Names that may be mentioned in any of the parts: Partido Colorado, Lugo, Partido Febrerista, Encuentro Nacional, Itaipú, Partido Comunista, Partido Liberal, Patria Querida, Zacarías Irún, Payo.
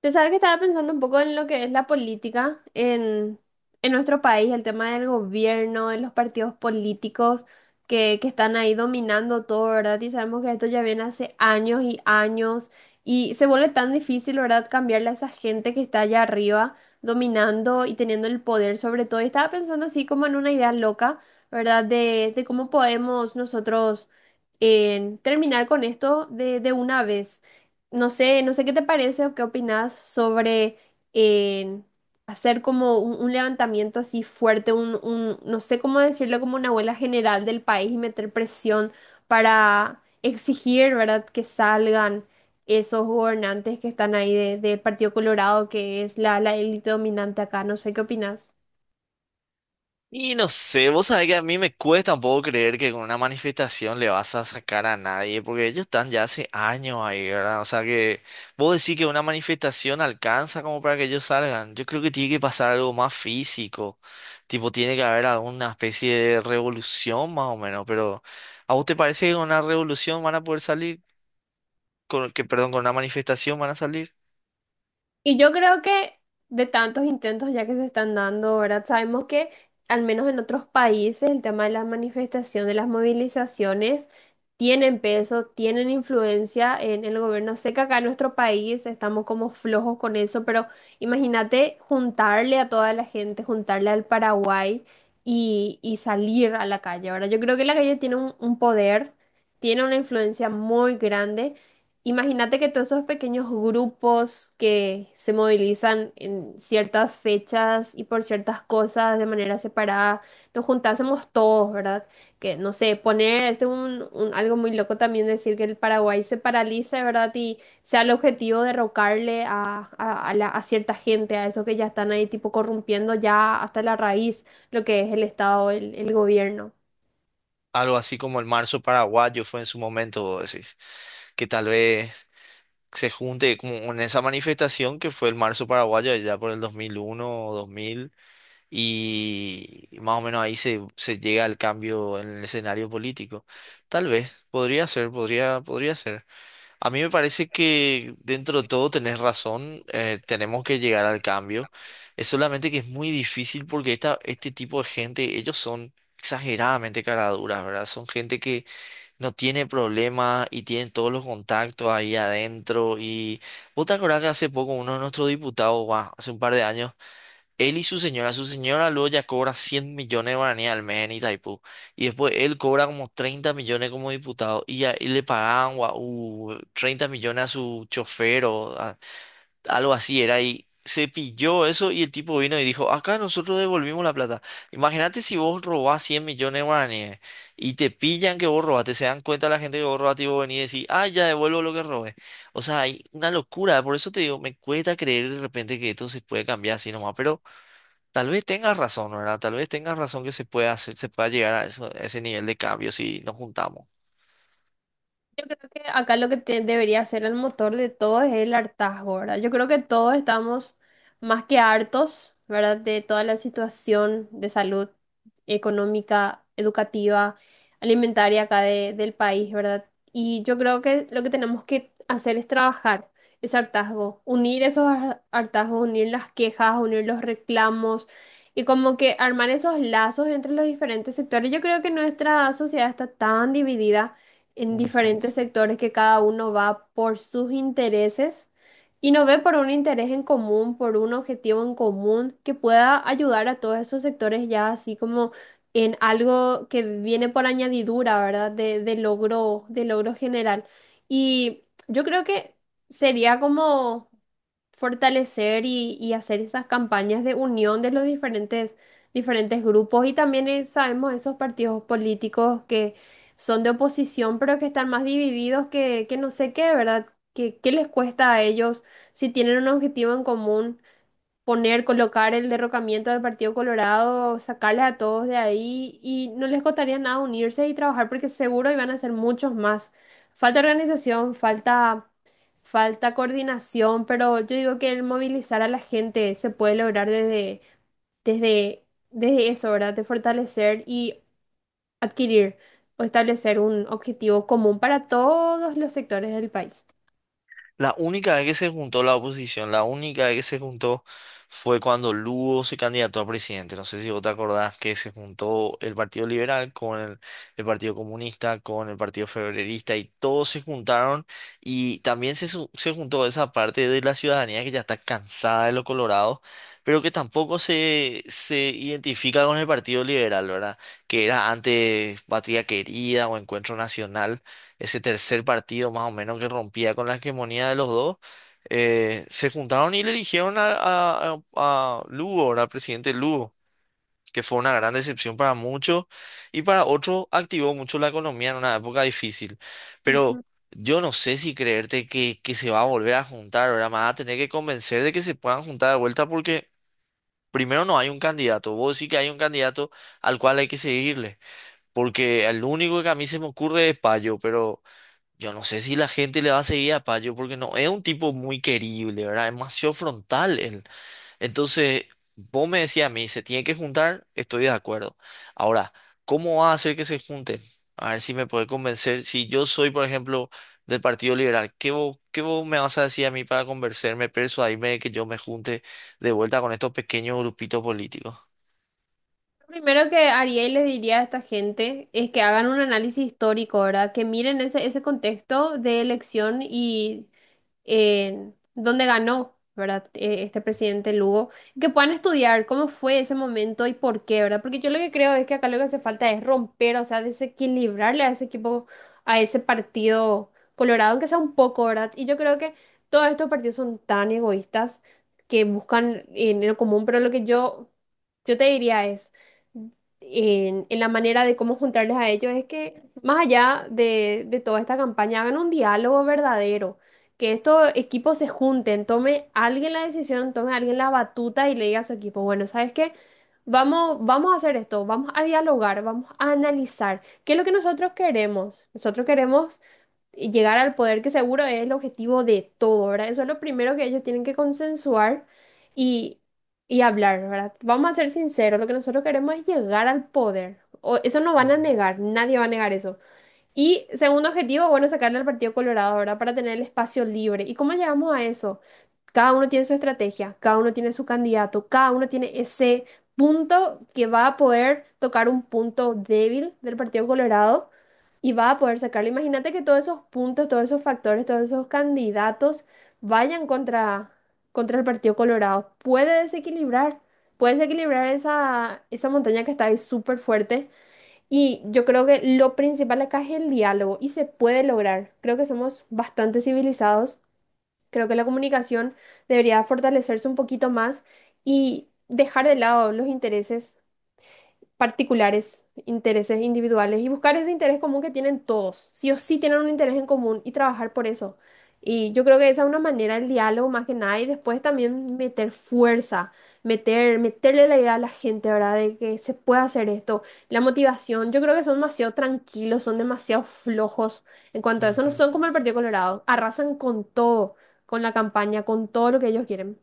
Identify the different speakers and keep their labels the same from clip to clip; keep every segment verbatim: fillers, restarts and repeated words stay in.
Speaker 1: Te sabes que estaba pensando un poco en lo que es la política en, en nuestro país, el tema del gobierno, de los partidos políticos que, que están ahí dominando todo, ¿verdad? Y sabemos que esto ya viene hace años y años y se vuelve tan difícil, ¿verdad? Cambiarle a esa gente que está allá arriba dominando y teniendo el poder sobre todo. Y estaba pensando así como en una idea loca, ¿verdad? De, de cómo podemos nosotros eh, terminar con esto de, de una vez. No sé, no sé qué te parece o qué opinas sobre eh, hacer como un, un levantamiento así fuerte, un, un- no sé cómo decirlo, como una abuela general del país y meter presión para exigir, ¿verdad?, que salgan esos gobernantes que están ahí de, del Partido Colorado, que es la, la élite dominante acá. No sé qué opinas.
Speaker 2: Y no sé, vos sabés que a mí me cuesta un poco creer que con una manifestación le vas a sacar a nadie, porque ellos están ya hace años ahí, ¿verdad? O sea que vos decís que una manifestación alcanza como para que ellos salgan. Yo creo que tiene que pasar algo más físico, tipo tiene que haber alguna especie de revolución más o menos, pero ¿a vos te parece que con una revolución van a poder salir? Con, que, perdón, ¿con una manifestación van a salir?
Speaker 1: Y yo creo que de tantos intentos ya que se están dando, ¿verdad? Sabemos que al menos en otros países el tema de las manifestaciones, las movilizaciones tienen peso, tienen influencia en el gobierno. Sé que acá en nuestro país estamos como flojos con eso, pero imagínate juntarle a toda la gente, juntarle al Paraguay y, y salir a la calle, ¿verdad? Yo creo que la calle tiene un un poder, tiene una influencia muy grande. Imagínate que todos esos pequeños grupos que se movilizan en ciertas fechas y por ciertas cosas de manera separada, nos juntásemos todos, ¿verdad? Que no sé, poner, este es un, un- algo muy loco también decir que el Paraguay se paralice, ¿verdad? Y sea el objetivo derrocarle a, a, a la- a cierta gente, a esos que ya están ahí tipo corrompiendo ya hasta la raíz lo que es el Estado, el, el gobierno.
Speaker 2: Algo así como el marzo paraguayo fue en su momento, vos decís, que tal vez se junte como en esa manifestación que fue el marzo paraguayo allá por el dos mil uno o dos mil, y más o menos ahí se, se llega al cambio en el escenario político. Tal vez, podría ser, podría, podría ser. A mí me parece que dentro de todo tenés razón, eh, tenemos que llegar al cambio. Es solamente que es muy difícil porque esta, este tipo de gente, ellos son exageradamente caraduras, ¿verdad? Son gente que no tiene problema y tiene todos los contactos ahí adentro. Y vos te acordás que hace poco uno de nuestros diputados, guau, hace un par de años, él y su señora, su señora luego ya cobra cien millones de guaraníes al mes en Itaipú. Y después él cobra como treinta millones como diputado y, ya- y le pagaban guau, uh, treinta millones a su chofer, algo así era, y se pilló eso y el tipo vino y dijo, acá nosotros devolvimos la plata. Imagínate si vos robás cien millones de guaraníes y te pillan que vos robaste, se dan cuenta la gente que vos robaste, y vos venís y decís, ah, ya devuelvo lo que robé. O sea, hay una locura, por eso te digo, me cuesta creer de repente que esto se puede cambiar así nomás, pero tal vez tengas razón, ¿verdad? Tal vez tengas razón que se pueda hacer, se pueda llegar a eso, a ese nivel de cambio si nos juntamos.
Speaker 1: Yo creo que acá lo que te- debería ser el motor de todo es el hartazgo, ¿verdad? Yo creo que todos estamos más que hartos, ¿verdad? De toda la situación de salud económica, educativa, alimentaria acá de- del país, ¿verdad? Y yo creo que lo que tenemos que hacer es trabajar ese hartazgo, unir esos har- hartazgos, unir las quejas, unir los reclamos y como que armar esos lazos entre los diferentes sectores. Yo creo que nuestra sociedad está tan dividida en
Speaker 2: Ujú.
Speaker 1: diferentes sectores que cada uno va por sus intereses y no ve por un interés en común, por un objetivo en común que pueda ayudar a todos esos sectores ya así como en algo que viene por añadidura, ¿verdad? De, de logro, de logro general. Y yo creo que sería como fortalecer y, y hacer esas campañas de unión de los diferentes, diferentes grupos y también eh, sabemos esos partidos políticos que son de oposición, pero que están más divididos que, que no sé qué, ¿verdad? ¿Qué, qué les cuesta a ellos si tienen un objetivo en común? Poner, colocar el derrocamiento del Partido Colorado, sacarles a todos de ahí y no les costaría nada unirse y trabajar porque seguro iban a ser muchos más. Falta organización, falta, falta coordinación, pero yo digo que el movilizar a la gente se puede lograr desde, desde, desde eso, ¿verdad? De fortalecer y adquirir o establecer un objetivo común para todos los sectores del país.
Speaker 2: La única vez que se juntó la oposición, la única vez que se juntó fue cuando Lugo se candidató a presidente. No sé si vos te acordás que se juntó el Partido Liberal con el, el Partido Comunista, con el Partido Febrerista, y todos se juntaron, y también se, su- se juntó esa parte de la ciudadanía que ya está cansada de los colorados, pero que tampoco se, se identifica con el Partido Liberal, ¿verdad? Que era antes Patria Querida o Encuentro Nacional, ese tercer partido más o menos que rompía con la hegemonía de los dos, eh, se juntaron y le eligieron a, a, a- a Lugo, ahora presidente Lugo, que fue una gran decepción para muchos y para otros activó mucho la economía en una época difícil. Pero yo no sé si creerte que, que se va a volver a juntar, ahora más a tener que convencer de que se puedan juntar de vuelta porque primero no hay un candidato, vos sí que hay un candidato al cual hay que seguirle, porque el único que a mí se me ocurre es Payo, pero yo no sé si la gente le va a seguir a Payo porque no es un tipo muy querible, ¿verdad? Es demasiado frontal él. Entonces, vos me decías a mí, se tiene que juntar, estoy de acuerdo. Ahora, ¿cómo va a hacer que se junten? A ver si me puede convencer. Si yo soy, por ejemplo, del Partido Liberal, ¿qué vos, ¿qué vos me vas a decir a mí para convencerme, persuadirme de que yo me junte de vuelta con estos pequeños grupitos políticos?
Speaker 1: Primero que haría y le diría a esta gente es que hagan un análisis histórico, ¿verdad? Que miren ese, ese contexto de elección y eh, dónde ganó, ¿verdad? Eh, este presidente Lugo, que puedan estudiar cómo fue ese momento y por qué, ¿verdad? Porque yo lo que creo es que acá lo que hace falta es romper, o sea, desequilibrarle a ese equipo, a ese partido colorado, aunque sea un poco, ¿verdad? Y yo creo que todos estos partidos son tan egoístas que buscan en lo común, pero lo que yo, yo te diría es en, en la manera de cómo juntarles a ellos es que, más allá de, de toda esta campaña, hagan un diálogo verdadero, que estos equipos se junten, tome alguien la decisión, tome alguien la batuta y le diga a su equipo, bueno, ¿sabes qué? Vamos, vamos a hacer esto, vamos a dialogar, vamos a analizar qué es lo que nosotros queremos. Nosotros queremos llegar al poder, que seguro es el objetivo de todo, ¿verdad? Eso es lo primero que ellos tienen que consensuar y, y hablar, ¿verdad? Vamos a ser sinceros, lo que nosotros queremos es llegar al poder. O, eso no van a
Speaker 2: Ujú,
Speaker 1: negar, nadie va a negar eso. Y segundo objetivo, bueno, sacarle al Partido Colorado, ¿verdad? Para tener el espacio libre. ¿Y cómo llegamos a eso? Cada uno tiene su estrategia, cada uno tiene su candidato, cada uno tiene ese punto que va a poder tocar un punto débil del Partido Colorado y va a poder sacarlo. Imagínate que todos esos puntos, todos esos factores, todos esos candidatos vayan contra, contra el Partido Colorado. Puede desequilibrar, puede desequilibrar esa, esa montaña que está ahí súper fuerte. Y yo creo que lo principal acá es el diálogo y se puede lograr. Creo que somos bastante civilizados. Creo que la comunicación debería fortalecerse un poquito más y dejar de lado los intereses particulares, intereses individuales y buscar ese interés común que tienen todos. Sí o sí tienen un interés en común y trabajar por eso. Y yo creo que esa es una manera del diálogo más que nada y después también meter fuerza, meter, meterle la idea a la gente, ¿verdad? De que se puede hacer esto. La motivación, yo creo que son demasiado tranquilos, son demasiado flojos en cuanto a eso, no
Speaker 2: ujú.
Speaker 1: son como el Partido Colorado, arrasan con todo, con la campaña, con todo lo que ellos quieren.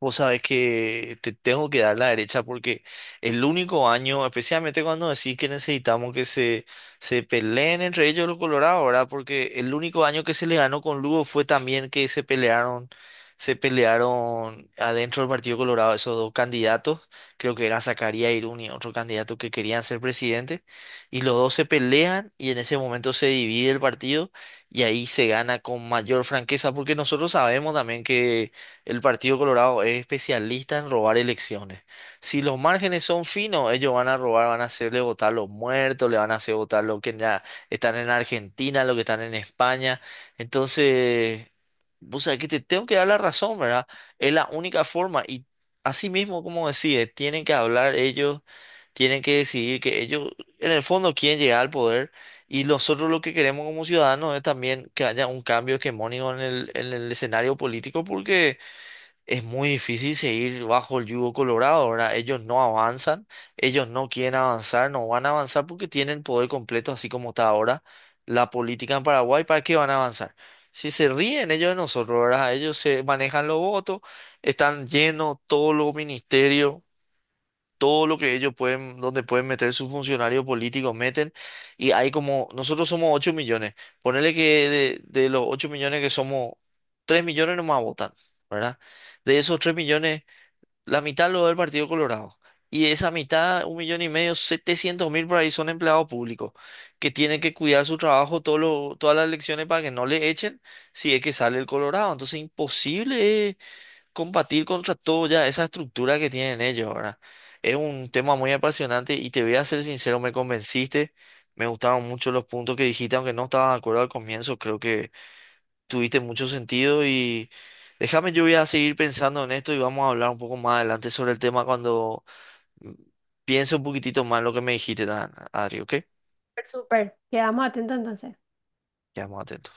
Speaker 2: Vos sabés que te tengo que dar la derecha porque el único año, especialmente cuando decís que necesitamos que se, se peleen entre ellos los Colorados, ¿verdad? Porque el único año que se le ganó con Lugo fue también que se pelearon, se pelearon adentro del Partido Colorado esos dos candidatos, creo que era Zacarías Irún y otro candidato que querían ser presidente, y los dos se pelean y en ese momento se divide el partido, y ahí se gana con mayor franqueza porque nosotros sabemos también que el Partido Colorado es especialista en robar elecciones. Si los márgenes son finos, ellos van a robar, van a hacerle votar los muertos, le van a hacer votar los que ya están en Argentina, los que están en España. Entonces, o sea, que te tengo que dar la razón, ¿verdad? Es la única forma. Y así mismo, como decía, tienen que hablar ellos, tienen que decidir que ellos, en el fondo, quieren llegar al poder. Y nosotros lo que queremos como ciudadanos es también que haya un cambio hegemónico en el, en el escenario político, porque es muy difícil seguir bajo el yugo colorado, ¿verdad? Ellos no avanzan, ellos no quieren avanzar, no van a avanzar porque tienen el poder completo, así como está ahora la política en Paraguay, ¿para qué van a avanzar? Si se ríen ellos de nosotros, ¿verdad? Ellos se manejan los votos, están llenos todos los ministerios, todo lo que ellos pueden, donde pueden meter sus funcionarios políticos, meten. Y hay como, nosotros somos ocho millones. Ponele que de, de los ocho millones que somos, tres millones nomás votan, ¿verdad? De esos tres millones, la mitad lo da el Partido Colorado. Y de esa mitad, un millón y medio, setecientos mil por ahí, son empleados públicos que tienen que cuidar su trabajo todo lo- todas las elecciones para que no le echen si es que sale el Colorado. Entonces, imposible es combatir contra toda esa estructura que tienen ellos, ¿verdad? Es un tema muy apasionante y te voy a ser sincero, me convenciste, me gustaron mucho los puntos que dijiste, aunque no estaba de acuerdo al comienzo, creo que tuviste mucho sentido, y déjame, yo voy a seguir pensando en esto y vamos a hablar un poco más adelante sobre el tema cuando mm, piense un poquitito más lo que me dijiste, Dan- Adri, ¿ok?
Speaker 1: Súper, súper. Quedamos atentos entonces.
Speaker 2: Quedamos atentos.